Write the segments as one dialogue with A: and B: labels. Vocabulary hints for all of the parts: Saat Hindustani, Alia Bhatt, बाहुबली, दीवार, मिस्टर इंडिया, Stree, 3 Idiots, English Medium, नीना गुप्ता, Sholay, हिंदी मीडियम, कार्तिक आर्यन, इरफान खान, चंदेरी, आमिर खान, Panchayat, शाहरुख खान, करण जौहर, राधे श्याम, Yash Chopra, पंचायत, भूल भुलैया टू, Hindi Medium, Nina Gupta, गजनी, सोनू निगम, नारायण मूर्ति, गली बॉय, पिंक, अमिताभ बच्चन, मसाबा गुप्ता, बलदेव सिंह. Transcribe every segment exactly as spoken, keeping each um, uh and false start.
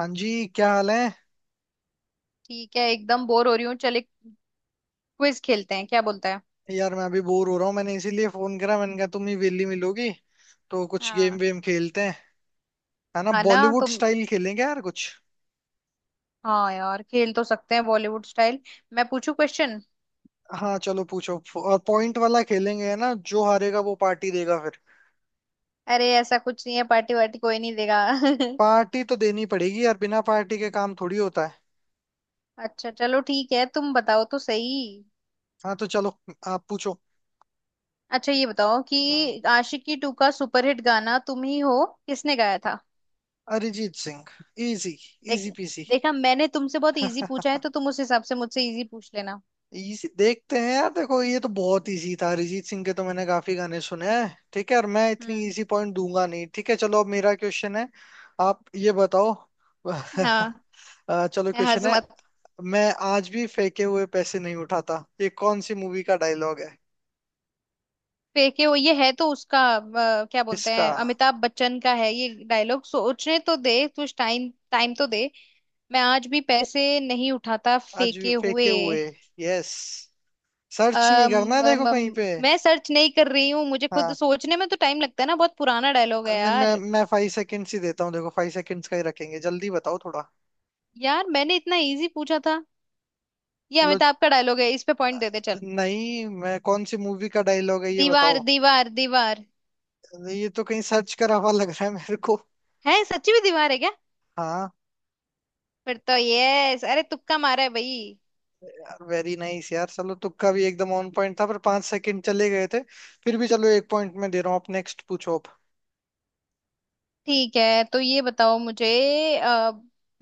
A: हाँ जी, क्या हाल है।
B: ठीक है। एकदम बोर हो रही हूँ, चल एक क्विज खेलते हैं, क्या बोलता है?
A: यार, मैं अभी बोर हो रहा हूँ, मैंने इसीलिए फोन करा। मैंने कहा तुम ही वेली मिलोगी तो कुछ गेम
B: हाँ।
A: वेम खेलते हैं। है ना,
B: है ना
A: बॉलीवुड
B: तुम।
A: स्टाइल खेलेंगे यार कुछ।
B: हाँ यार, खेल तो सकते हैं बॉलीवुड स्टाइल। मैं पूछू क्वेश्चन।
A: हाँ, चलो पूछो। और पॉइंट वाला खेलेंगे, है ना, जो हारेगा वो पार्टी देगा फिर।
B: अरे ऐसा कुछ नहीं है, पार्टी वार्टी कोई नहीं देगा।
A: पार्टी तो देनी पड़ेगी यार, बिना पार्टी के काम थोड़ी होता है।
B: अच्छा चलो ठीक है, तुम बताओ तो सही।
A: हाँ तो चलो, आप पूछो।
B: अच्छा ये बताओ कि
A: हाँ।
B: आशिकी टू का सुपरहिट गाना तुम ही हो किसने गाया था?
A: अरिजीत सिंह। इजी।
B: देख।
A: Easy peasy.
B: देखा, मैंने तुमसे बहुत इजी पूछा है तो तुम उस हिसाब से मुझसे इजी पूछ लेना।
A: इसी देखते हैं यार। देखो, ये तो बहुत इजी था। अरिजीत सिंह के तो मैंने काफी गाने सुने हैं, ठीक है। और मैं इतनी
B: हम्म।
A: इजी पॉइंट दूंगा नहीं, ठीक है। चलो, अब मेरा क्वेश्चन है। आप ये बताओ।
B: हाँ।
A: अ, चलो, क्वेश्चन
B: हंस
A: है।
B: मत।
A: मैं आज भी फेंके हुए पैसे नहीं उठाता, ये कौन सी मूवी का डायलॉग है।
B: फेंके हो ये है तो उसका, अ, क्या बोलते
A: किसका?
B: हैं, अमिताभ बच्चन का है ये डायलॉग। सोचने तो दे कुछ टाइम, टाइम तो दे। मैं आज भी पैसे नहीं उठाता
A: आज भी
B: फेंके
A: फेंके
B: हुए।
A: हुए। यस। सर्च नहीं
B: अम,
A: करना है, देखो
B: अम,
A: कहीं
B: अम,
A: पे।
B: मैं सर्च नहीं कर रही हूँ, मुझे खुद
A: हाँ।
B: सोचने में तो टाइम लगता है ना, बहुत पुराना डायलॉग है
A: नहीं, मैं
B: यार।
A: मैं फाइव सेकेंड्स ही देता हूँ। देखो, फाइव सेकेंड्स का ही रखेंगे, जल्दी बताओ थोड़ा।
B: यार मैंने इतना इजी पूछा था। ये
A: लो।
B: अमिताभ का डायलॉग है, इस पे पॉइंट दे दे चल।
A: नहीं, मैं कौन सी मूवी का डायलॉग है ये
B: दीवार,
A: बताओ।
B: दीवार, दीवार।
A: ये तो कहीं सर्च करा हुआ लग रहा है मेरे को।
B: है? सच्ची में दीवार है क्या?
A: हाँ।
B: फिर तो यस! अरे तुक्का मारा है भाई।
A: यार वेरी नाइस यार, चलो तुक्का भी एकदम ऑन पॉइंट था, पर पांच सेकंड चले गए थे। फिर भी चलो, एक पॉइंट मैं दे रहा हूँ। आप नेक्स्ट पूछो आप।
B: ठीक है, तो ये बताओ मुझे। अ,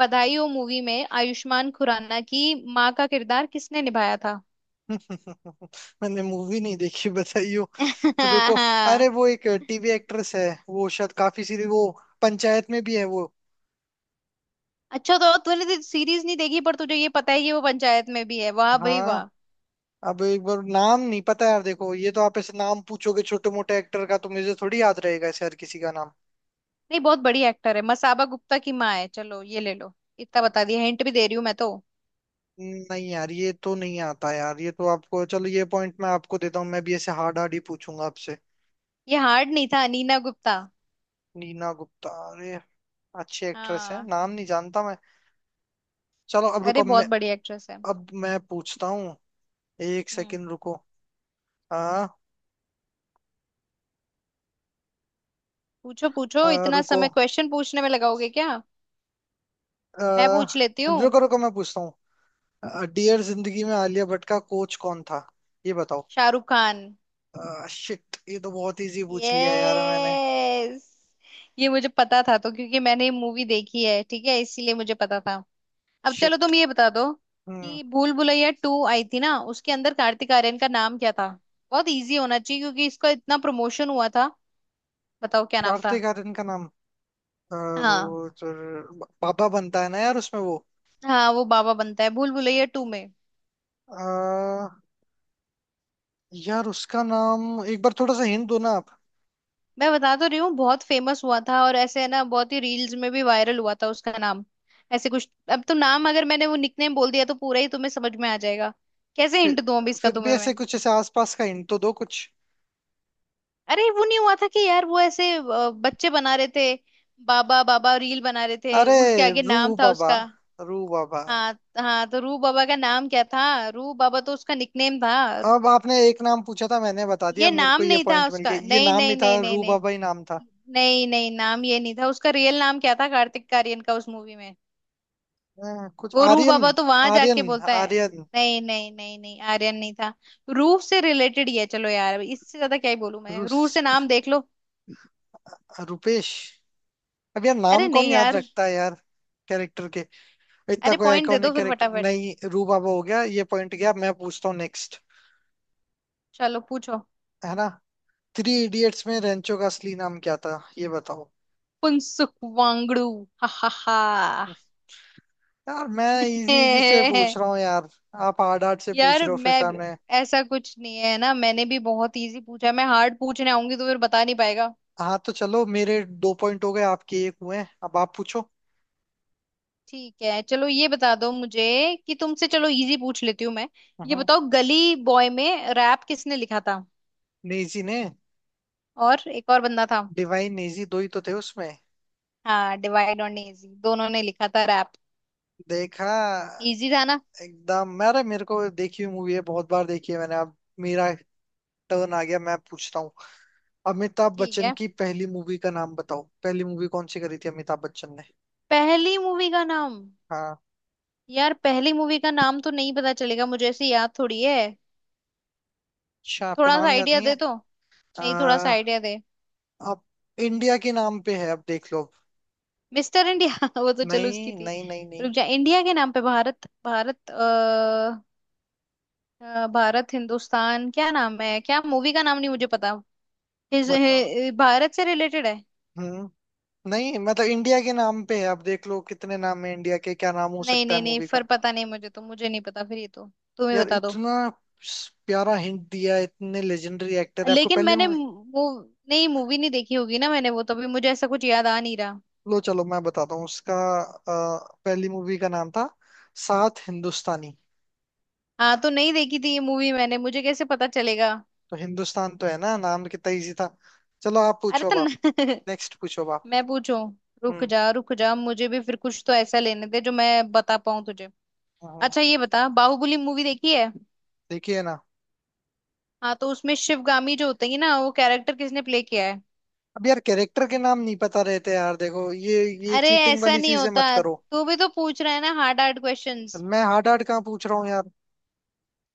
B: बधाई हो मूवी में आयुष्मान खुराना की माँ का किरदार किसने निभाया था?
A: मैंने मूवी नहीं देखी, बताइयो। रुको। अरे, वो एक टीवी एक्ट्रेस है वो, शायद काफी सीरी वो। पंचायत में भी है वो।
B: अच्छा तो तूने तो सीरीज नहीं देखी पर तुझे ये पता है कि वो पंचायत में भी है, वाह भाई
A: हाँ।
B: वाह।
A: अब एक बार नाम नहीं पता यार। देखो, ये तो आप ऐसे नाम पूछोगे छोटे मोटे एक्टर का, तो मुझे थोड़ी याद रहेगा ऐसे हर किसी का नाम।
B: नहीं बहुत बड़ी एक्टर है, मसाबा गुप्ता की माँ है, चलो ये ले लो। इतना बता दिया, हिंट भी दे रही हूँ मैं तो।
A: नहीं यार, ये तो नहीं आता यार। ये तो आपको, चलो ये पॉइंट मैं आपको देता हूँ। मैं भी ऐसे हार्ड हार्ड ही पूछूंगा आपसे।
B: ये हार्ड नहीं था। नीना गुप्ता।
A: नीना गुप्ता, अरे। अच्छी एक्ट्रेस है,
B: हाँ।
A: नाम नहीं जानता मैं। चलो अब रुको,
B: अरे
A: अब
B: बहुत
A: मैं।
B: बड़ी एक्ट्रेस है।
A: अब मैं पूछता हूँ। एक
B: हम्म।
A: सेकंड रुको। आ,
B: पूछो पूछो,
A: आ,
B: इतना
A: रुको।
B: समय
A: आ,
B: क्वेश्चन पूछने में लगाओगे क्या? मैं पूछ लेती हूँ।
A: रुको रुको, मैं पूछता हूँ डियर जिंदगी में आलिया भट्ट का कोच कौन था, ये बताओ।
B: शाहरुख खान।
A: शिट, ये तो बहुत इजी पूछ लिया यार मैंने।
B: यस। ये मुझे पता था तो, क्योंकि मैंने ये मूवी देखी है, ठीक है, इसीलिए मुझे पता था। अब चलो
A: शिट।
B: तुम ये बता दो
A: हम्म।
B: कि भूल भुलैया टू आई थी ना, उसके अंदर कार्तिक आर्यन का नाम क्या था? बहुत इजी होना चाहिए क्योंकि इसका इतना प्रमोशन हुआ था। बताओ क्या नाम था?
A: कार्तिक आर्यन का नाम। अ,
B: हाँ,
A: वो तो पापा बनता है ना यार उसमें वो।
B: हाँ वो बाबा बनता है भूल भुलैया टू में।
A: अ, यार, उसका नाम। एक बार थोड़ा सा हिंट दो ना आप।
B: मैं बता तो रही हूँ, बहुत फेमस हुआ था और ऐसे है ना, बहुत ही रील्स में भी वायरल हुआ था उसका नाम। ऐसे कुछ, अब तो नाम, अगर मैंने वो निकनेम बोल दिया तो पूरा ही तुम्हें समझ में आ जाएगा। कैसे
A: फिर।
B: हिंट दूं अभी इसका
A: फिर भी
B: तुम्हें मैं?
A: ऐसे कुछ ऐसे आसपास का हिंट तो दो कुछ।
B: अरे वो नहीं हुआ था कि यार वो ऐसे अ, बच्चे बना रहे थे, बाबा बाबा रील बना रहे थे,
A: अरे।
B: उसके आगे नाम
A: रूह
B: था
A: बाबा।
B: उसका।
A: रूह बाबा।
B: हाँ, हाँ तो रू बाबा का नाम क्या था? रू बाबा तो उसका निकनेम था।
A: अब आपने एक नाम पूछा था, मैंने बता दिया।
B: ये
A: मेरे को
B: नाम
A: ये
B: नहीं था
A: पॉइंट मिल
B: उसका।
A: गया, ये
B: नहीं,
A: नाम ही
B: नहीं,
A: था,
B: नहीं, नहीं,
A: रूह
B: नहीं,
A: बाबा ही नाम था।
B: नहीं, नहीं, नाम ये नहीं था उसका। रियल नाम क्या था कार्तिक आर्यन का उस मूवी में?
A: अ, कुछ
B: वो रू
A: आर्यन।
B: बाबा तो वहां
A: आर्यन।
B: जाके बोलता है।
A: आर्यन।
B: नहीं, नहीं, नहीं, नहीं, आर्यन नहीं था। रूह से रिलेटेड ही है, चलो यार अब इससे ज्यादा क्या ही बोलूं मैं, रूह से
A: रुस-
B: नाम देख लो।
A: रुपेश। अब यार,
B: अरे
A: नाम कौन
B: नहीं
A: याद
B: यार।
A: रखता है यार। कैरेक्टर। इतना
B: अरे
A: कोई
B: पॉइंट दे दो
A: आइकॉनिक
B: फिर
A: कैरेक्टर
B: फटाफट।
A: नहीं, रूबाबा हो गया। ये पॉइंट गया, मैं पूछता हूँ नेक्स्ट।
B: चलो पूछो।
A: है ना? थ्री इडियट्स में रेंचो का असली नाम क्या था, ये बताओ।
B: पुंसुक वांगड़ू। हा हा हा।
A: यार, मैं इजी इजी से पूछ रहा हूँ यार। आप हार्ड हार्ड से पूछ
B: यार
A: रहे हो फिर
B: मैं भी-
A: सामने।
B: ऐसा कुछ नहीं है ना, मैंने भी बहुत इजी पूछा। मैं हार्ड पूछने आऊंगी तो फिर बता नहीं पाएगा।
A: हाँ तो चलो, मेरे दो पॉइंट हो गए, आपके एक हुए हैं। अब आप पूछो।
B: ठीक है चलो, ये बता दो मुझे कि तुमसे, चलो इजी पूछ लेती हूँ मैं। ये
A: हाँ।
B: बताओ गली बॉय में रैप किसने लिखा था?
A: नेजी ने।
B: और एक और बंदा था।
A: डिवाइन नेजी, दो ही तो थे उसमें।
B: हाँ डिवाइड और इजी दोनों ने लिखा था रैप।
A: देखा।
B: इजी था ना।
A: एकदम, मेरे मेरे को देखी हुई मूवी है, बहुत बार देखी है मैंने। अब मेरा टर्न आ गया, मैं पूछता हूँ। अमिताभ
B: ठीक
A: बच्चन
B: है।
A: की पहली मूवी का नाम बताओ, पहली मूवी कौन सी करी थी अमिताभ बच्चन ने।
B: पहली मूवी का नाम।
A: हाँ।
B: यार पहली मूवी का नाम तो नहीं पता चलेगा मुझे, ऐसे याद थोड़ी है।
A: अच्छा, आपको
B: थोड़ा सा
A: नाम याद
B: आइडिया
A: नहीं
B: दे
A: है।
B: तो। नहीं थोड़ा सा
A: आ,
B: आइडिया दे।
A: अब इंडिया के नाम पे है, अब देख लो।
B: मिस्टर इंडिया? वो तो चलो उसकी
A: नहीं
B: थी।
A: नहीं नहीं नहीं।
B: रुक जा, इंडिया के नाम पे, भारत भारत, अ, अ, भारत हिंदुस्तान क्या नाम है, क्या मूवी का नाम नहीं मुझे पता। हिज,
A: बताओ।
B: हि- भारत से रिलेटेड है।
A: हम्म। नहीं मतलब इंडिया के नाम पे है, अब देख लो कितने नाम है इंडिया के, क्या नाम हो
B: नहीं,
A: सकता है
B: नहीं, नहीं,
A: मूवी का।
B: फिर पता नहीं मुझे तो, मुझे नहीं पता फिर ये तो, तुम ही
A: यार,
B: बता दो।
A: इतना स- प्यारा हिंट दिया, इतने लेजेंडरी एक्टर है, आपको
B: लेकिन
A: पहली
B: मैंने
A: मूवी।
B: वो, नहीं मूवी नहीं देखी होगी ना मैंने वो, तभी मुझे ऐसा कुछ याद आ नहीं रहा।
A: लो चलो, मैं बताता हूँ उसका। अ, पहली मूवी का नाम था। सात हिंदुस्तानी।
B: हाँ तो नहीं देखी थी ये मूवी मैंने, मुझे कैसे पता चलेगा?
A: तो हिंदुस्तान तो है ना नाम, कितना इजी था। चलो, आप
B: अरे
A: पूछो अब
B: तो न-
A: आप। नेक्स्ट पूछो अब आप।
B: मैं पूछूं। रुक
A: हम्म।
B: जा, रुक जा, मुझे भी फिर कुछ तो ऐसा लेने दे जो मैं बता पाऊं तुझे।
A: हाँ,
B: अच्छा ये बता, बाहुबली मूवी देखी है?
A: देखिए ना।
B: हाँ तो उसमें शिवगामी जो होते हैं ना, वो कैरेक्टर किसने प्ले किया है?
A: अब यार, कैरेक्टर के नाम नहीं पता रहते यार, देखो ये। ये
B: अरे
A: चीटिंग
B: ऐसा
A: वाली
B: नहीं
A: चीजें
B: होता,
A: मत करो।
B: तू भी तो पूछ रहा है ना हार्ड हार्ड क्वेश्चंस।
A: मैं हार्ड हार्ड कहाँ पूछ रहा हूँ यार।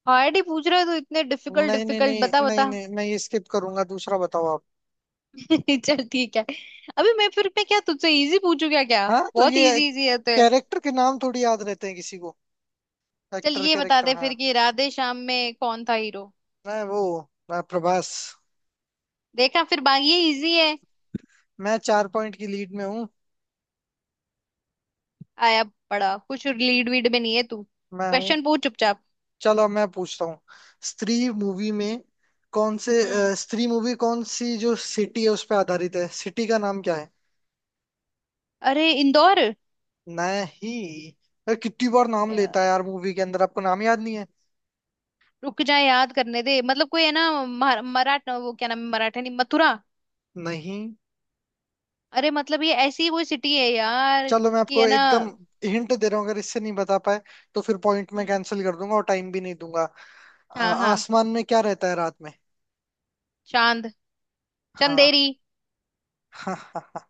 B: हार्ड ही पूछ रहा है तू, इतने डिफिकल्ट
A: नहीं नहीं
B: डिफिकल्ट,
A: नहीं
B: बता
A: नहीं
B: बता।
A: नहीं, मैं ये स्किप करूंगा, दूसरा बताओ आप।
B: चल ठीक है। अभी मैं फिर मैं क्या तुझसे इजी पूछू क्या क्या।
A: हाँ तो
B: बहुत
A: ये।
B: इजी इजी है तो।
A: कैरेक्टर के नाम थोड़ी याद रहते हैं किसी को।
B: चल
A: एक्टर,
B: ये बता
A: कैरेक्टर,
B: दे
A: हाँ।
B: फिर कि राधे श्याम में कौन था हीरो?
A: मैं वो। मैं प्रभास।
B: देखा, फिर बाकी ये इजी है।
A: मैं चार पॉइंट की लीड में हूँ।
B: आया। पड़ा कुछ लीड वीड में नहीं है तू,
A: मैं हूँ।
B: क्वेश्चन पूछ चुपचाप।
A: चलो, मैं पूछता हूँ। स्त्री मूवी में। कौन से।
B: हम्म।
A: अ, स्त्री मूवी कौन सी जो सिटी है उस पर आधारित है, सिटी का नाम क्या है।
B: अरे इंदौर।
A: नहीं। अरे, कितनी बार नाम
B: अ,
A: लेता है यार मूवी के अंदर, आपको नाम याद नहीं है।
B: रुक जा, याद करने दे, मतलब कोई है ना, मरा- मराठ वो क्या नाम है, मराठा नहीं, मथुरा।
A: नहीं।
B: अरे मतलब ये ऐसी कोई सिटी है यार
A: चलो, मैं
B: कि,
A: आपको
B: है ना।
A: एकदम हिंट दे रहा हूँ। अगर इससे नहीं बता पाए, तो फिर पॉइंट में
B: हम्म।
A: कैंसिल कर दूंगा और टाइम भी नहीं दूंगा। अ,
B: हाँ हाँ,
A: आसमान में क्या रहता है रात में।
B: चांद।
A: हाँ।
B: चंदेरी।
A: हाँ।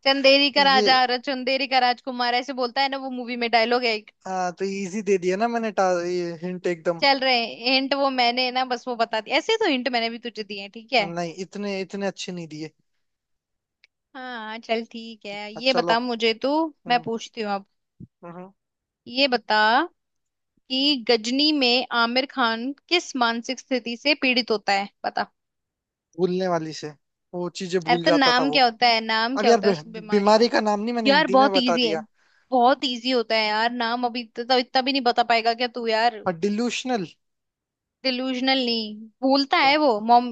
B: चंदेरी का
A: ये, हाँ,
B: राजा
A: ये।
B: और चंदेरी का राजकुमार ऐसे बोलता है ना वो मूवी में, डायलॉग है एक।
A: आ, तो इजी दे दिया ना मैंने टा, ये हिंट एकदम।
B: चल रहे हैं हिंट, वो मैंने ना बस वो बता दी, ऐसे तो हिंट मैंने भी तुझे दिए हैं ठीक है।
A: नहीं, इतने इतने अच्छे नहीं दिए।
B: हाँ चल ठीक है,
A: हाँ,
B: ये
A: चलो।
B: बता मुझे तू। मैं
A: हम्म।
B: पूछती हूँ अब।
A: हम्म।
B: ये बता कि गजनी में आमिर खान किस मानसिक स्थिति से पीड़ित होता है, बता।
A: भूलने वाली से। वो चीजें
B: अरे
A: भूल
B: तो
A: जाता था
B: नाम
A: वो।
B: क्या होता है, नाम
A: अब
B: क्या
A: यार,
B: होता है उस
A: बी-
B: बीमारी का?
A: बीमारी का नाम नहीं, मैंने
B: यार
A: हिंदी में
B: बहुत
A: बता
B: इजी है।
A: दिया।
B: बहुत इजी होता है यार नाम, अभी तो, तो इतना भी नहीं बता पाएगा क्या तू यार?
A: और डिल्यूशनल।
B: डिलूजनल नहीं। भूलता
A: तो।
B: है वो।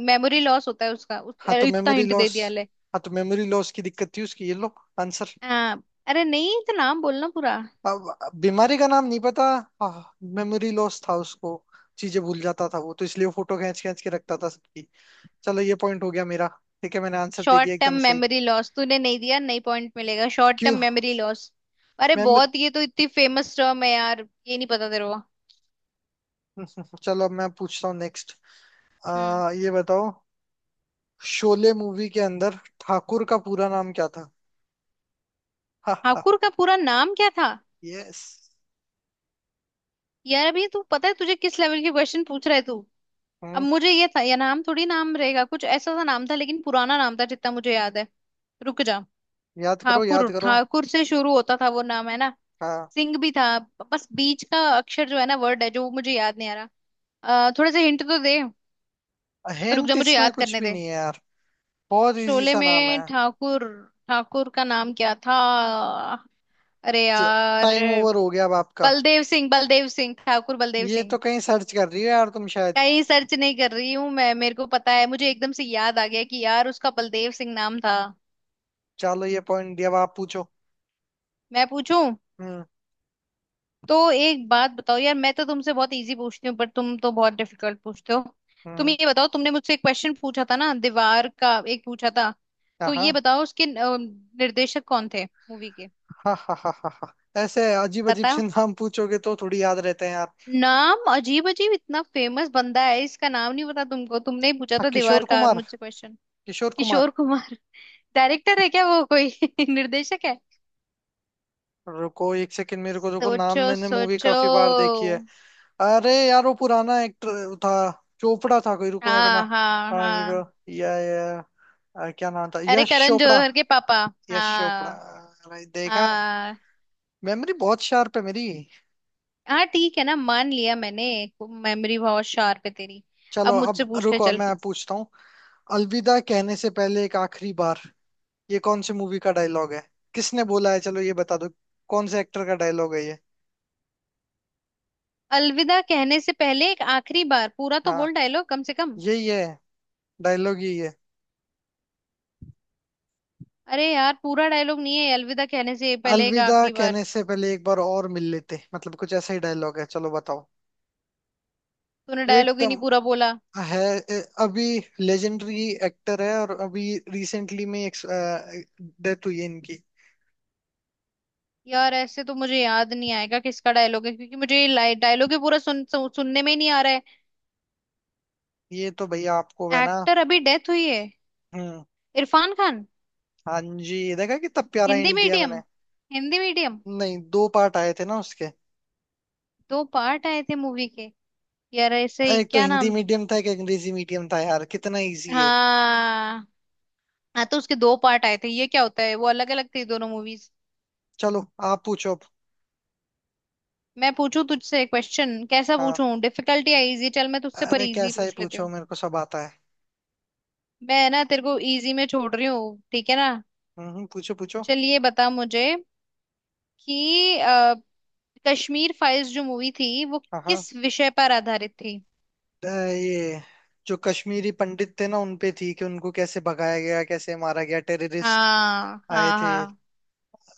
B: मेमोरी लॉस होता है उसका उस,
A: हाँ तो
B: अरे इतना
A: मेमोरी
B: हिंट दे
A: लॉस।
B: दिया ले।
A: हाँ तो मेमोरी लॉस की दिक्कत थी उसकी, ये लो। आंसर।
B: हाँ। अरे नहीं तो नाम बोलना पूरा।
A: अब बीमारी का नाम नहीं पता। हाँ, मेमोरी लॉस था उसको। चीजें भूल जाता था वो, तो इसलिए वो फोटो खींच खींच के रखता था सबकी। चलो, ये पॉइंट हो गया मेरा। ठीक है, मैंने आंसर दे
B: शॉर्ट
A: दिया
B: टर्म
A: एकदम सही।
B: मेमोरी लॉस तूने नहीं दिया, नई पॉइंट मिलेगा, शॉर्ट टर्म
A: क्यों?
B: Memory loss. अरे
A: मेमोरी।
B: बहुत, ये तो इतनी फेमस टर्म है यार, ये नहीं पता तेरे को?
A: चलो, अब मैं पूछता हूँ नेक्स्ट। आ
B: हम्म।
A: ये बताओ। शोले मूवी के अंदर ठाकुर का पूरा नाम क्या था। हा हा।
B: ठाकुर का पूरा नाम क्या था?
A: यस।
B: यार अभी तू, पता है तुझे किस लेवल के क्वेश्चन पूछ रहा है तू? अब
A: हम्म।
B: मुझे ये था या नाम, थोड़ी नाम रहेगा, कुछ ऐसा सा नाम था लेकिन पुराना नाम था जितना मुझे याद है। रुक जा।
A: याद करो
B: ठाकुर,
A: याद करो।
B: ठाकुर से शुरू होता था वो नाम है ना।
A: हाँ।
B: सिंह भी था। बस बीच का अक्षर जो है ना, वर्ड है जो, वो मुझे याद नहीं आ रहा। अ, थोड़ा सा हिंट तो दे। रुक
A: हिंट
B: जा, मुझे
A: इसमें
B: याद
A: कुछ
B: करने
A: भी
B: दे।
A: नहीं है यार। बहुत इजी
B: शोले
A: सा नाम है।
B: में ठाकुर। ठाकुर का नाम क्या था? अरे यार।
A: टाइम ओवर हो गया अब आपका।
B: बलदेव सिंह, बलदेव सिंह ठाकुर, बलदेव
A: ये
B: सिंह।
A: तो कहीं सर्च कर रही हो यार तुम शायद।
B: कहीं सर्च नहीं कर रही हूँ मैं, मेरे को पता है, मुझे एकदम से याद आ गया कि यार उसका बलदेव सिंह नाम था।
A: चलो, ये पॉइंट दिया, अब आप पूछो।
B: मैं पूछूं।
A: हम्म।
B: तो एक बात बताओ यार, मैं तो तुमसे बहुत इजी पूछती हूँ पर तुम तो बहुत डिफिकल्ट पूछते हो। तुम
A: हम्म।
B: ये बताओ, तुमने मुझसे एक क्वेश्चन पूछा था ना, दीवार का एक पूछा था।
A: हाँ
B: तो ये
A: हाँ
B: बताओ उसके अ, निर्देशक कौन थे, मूवी के।
A: हाँ हाँ। हाँ हाँ। ऐसे अजीब अजीब से
B: बताओ।
A: नाम पूछोगे तो थोड़ी याद रहते हैं यार।
B: नाम अजीब अजीब? इतना फेमस बंदा है, इसका नाम नहीं पता तुमको? तुमने ही पूछा
A: हाँ,
B: था दीवार
A: किशोर
B: का
A: कुमार।
B: मुझसे क्वेश्चन।
A: किशोर
B: किशोर
A: कुमार।
B: कुमार? डायरेक्टर है क्या वो कोई निर्देशक है?
A: रुको एक सेकंड, मेरे को रुको नाम,
B: सोचो
A: मैंने मूवी
B: सोचो।
A: काफी बार देखी है। अरे यार, वो पुराना एक्टर था। चोपड़ा था कोई, रुको मेरे को ना।
B: हाँ, हाँ,
A: हाँ,
B: हाँ।
A: रुको, या या। आ, क्या नाम था,
B: अरे
A: यश
B: करण
A: चोपड़ा।
B: जौहर के पापा।
A: यश चोपड़ा,
B: हाँ
A: अरे, देखा।
B: हाँ।
A: मेमोरी बहुत शार्प है मेरी।
B: हाँ। ठीक है ना, मान लिया मैंने। मेमोरी बहुत शार्प है तेरी।
A: चलो,
B: अब
A: अब
B: मुझसे पूछ ले
A: रुको,
B: चल।
A: मैं पूछता हूँ। अलविदा कहने से पहले एक आखिरी बार। ये कौन सी मूवी का डायलॉग है। किसने बोला है, चलो ये बता दो। कौन से एक्टर का डायलॉग है ये।
B: अलविदा कहने से पहले एक आखिरी बार? पूरा तो बोल
A: हाँ।
B: डायलॉग कम से कम।
A: यही है। डायलॉग यही है।
B: अरे यार पूरा डायलॉग नहीं है, अलविदा कहने से पहले एक
A: अलविदा
B: आखिरी बार।
A: कहने से पहले एक बार और मिल लेते, मतलब कुछ ऐसा ही डायलॉग है, चलो बताओ।
B: तूने डायलॉग ही
A: एकदम।
B: नहीं पूरा बोला।
A: है। ए, अभी। लेजेंडरी एक्टर है, और अभी रिसेंटली में डेथ हुई है इनकी।
B: यार ऐसे तो मुझे याद नहीं आएगा किसका डायलॉग है, क्योंकि मुझे ये डायलॉग ही पूरा सुन, सु, सुनने में ही नहीं आ रहा।
A: ये तो भैया, आपको है
B: है
A: ना।
B: एक्टर अभी डेथ हुई है?
A: हम्म।
B: इरफान खान।
A: हाँ जी, देखा कितना प्यारा
B: हिंदी
A: हिंट दिया
B: मीडियम।
A: मैंने।
B: हिंदी मीडियम।
A: नहीं, दो पार्ट आए थे ना उसके।
B: दो पार्ट आए थे मूवी के? यार ऐसे ही
A: एक तो
B: क्या
A: हिंदी
B: नाम।
A: मीडियम था, एक अंग्रेजी मीडियम था यार, कितना इजी है।
B: हाँ। हाँ तो उसके दो पार्ट आए थे, ये क्या होता है, वो अलग अलग थी दोनों मूवीज।
A: चलो, आप पूछो अब।
B: मैं पूछूं तुझसे क्वेश्चन, कैसा
A: हाँ।
B: पूछूं, डिफिकल्ट या इजी? चल मैं तुझसे पर
A: अरे,
B: इजी
A: कैसा है
B: पूछ लेती
A: पूछो,
B: हूँ।
A: मेरे को सब आता है।
B: मैं ना तेरे को इजी में छोड़ रही हूँ ठीक है ना।
A: हम्म, पूछो पूछो।
B: चलिए बता मुझे कि अ, कश्मीर फाइल्स जो मूवी थी वो
A: हाँ हाँ।
B: किस विषय पर आधारित थी।
A: अ, ये, जो कश्मीरी पंडित थे ना उनपे थी, कि उनको कैसे भगाया गया, कैसे मारा गया, टेररिस्ट
B: हाँ,
A: आए
B: हाँ,
A: थे।
B: हाँ।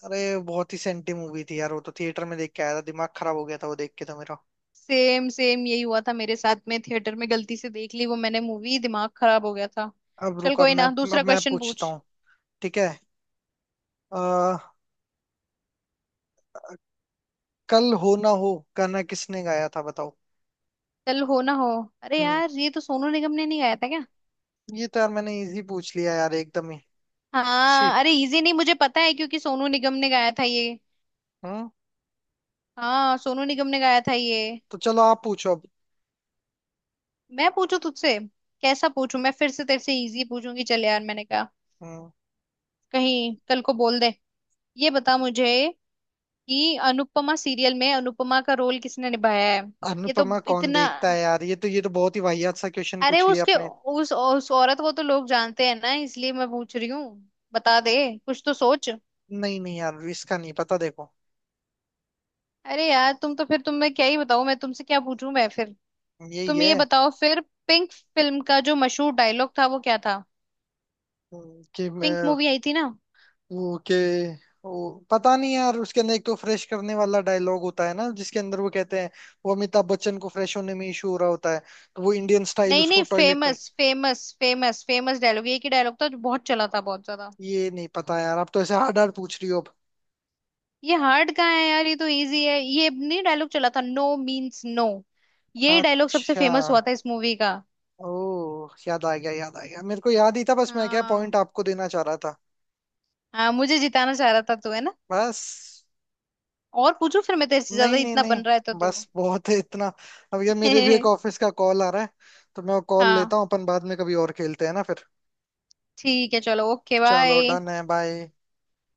A: अरे, बहुत ही सेंटी मूवी थी यार, वो तो थिएटर में देख के आया था, दिमाग खराब हो गया था वो देख के तो मेरा।
B: सेम सेम यही हुआ था मेरे साथ में, थिएटर में गलती से देख ली वो मैंने मूवी, दिमाग खराब हो गया था।
A: अब
B: चल
A: रुक, अब
B: कोई
A: मैं।
B: ना,
A: अब
B: दूसरा
A: मैं
B: क्वेश्चन
A: पूछता
B: पूछ।
A: हूँ। ठीक है। आ, कल हो ना हो गाना किसने गाया था बताओ।
B: चल हो ना हो। अरे
A: हम्म।
B: यार ये तो सोनू निगम ने नहीं गाया था क्या?
A: ये तो यार मैंने इजी पूछ लिया यार एकदम ही।
B: हाँ अरे
A: शिट।
B: इजी नहीं, मुझे पता है क्योंकि सोनू निगम ने गाया था ये।
A: हम्म।
B: हाँ सोनू निगम ने गाया था ये।
A: तो चलो, आप पूछो अब।
B: मैं पूछू तुझसे, कैसा पूछू, मैं फिर से तेरे से इजी पूछूंगी चल, यार मैंने कहा
A: हम्म।
B: कहीं कल को बोल दे। ये बता मुझे कि अनुपमा सीरियल में अनुपमा का रोल किसने निभाया है? ये तो
A: अनुपमा कौन
B: इतना।
A: देखता है यार, ये तो ये तो बहुत ही वाहियात सा क्वेश्चन
B: अरे
A: पूछ लिया
B: उसके
A: आपने।
B: उस उस औरत को तो लोग जानते हैं ना, इसलिए मैं पूछ रही हूँ। बता दे, कुछ तो सोच।
A: नहीं नहीं यार, इसका नहीं पता देखो।
B: अरे यार तुम तो, फिर तुम, मैं क्या ही बताऊं, मैं तुमसे क्या पूछूं मैं फिर।
A: यही
B: तुम ये
A: है।
B: बताओ फिर, पिंक फिल्म का जो मशहूर डायलॉग था वो क्या था?
A: हम्म, कि
B: पिंक
A: मैं।
B: मूवी आई थी ना।
A: ओके। ओ, पता नहीं यार, उसके अंदर एक तो फ्रेश करने वाला डायलॉग होता है ना जिसके अंदर वो कहते हैं। वो, अमिताभ बच्चन को फ्रेश होने में इशू हो रहा होता है। तो वो इंडियन स्टाइल
B: नहीं
A: उसको
B: नहीं,
A: टॉयलेट में।
B: Famous famous famous famous dialogue, ये की डायलॉग था जो बहुत चला था बहुत ज्यादा।
A: ये नहीं पता यार, आप तो ऐसे हार्ड हार्ड पूछ रही हो अब।
B: ये हार्ड कहाँ है यार, ये तो इजी है, ये नहीं डायलॉग चला था, नो मीन्स नो। ये डायलॉग सबसे
A: अच्छा।
B: फेमस हुआ था इस मूवी का।
A: ओ, याद आ गया, याद आ गया, मेरे को याद ही था, बस मैं क्या पॉइंट
B: हाँ।
A: आपको देना चाह रहा था।
B: हाँ, मुझे जिताना चाह रहा था तू, है ना?
A: बस।
B: और पूछू फिर मैं तेरे से,
A: नहीं
B: ज्यादा
A: नहीं
B: इतना
A: नहीं।
B: बन रहा है तो, तो।
A: बस, बहुत है इतना। अब ये, मेरे भी एक ऑफिस का कॉल आ रहा है, तो मैं कॉल
B: हाँ।
A: लेता हूँ। अपन बाद में कभी और खेलते हैं ना फिर।
B: ठीक है चलो ओके
A: चलो,
B: बाय।
A: डन है, बाय।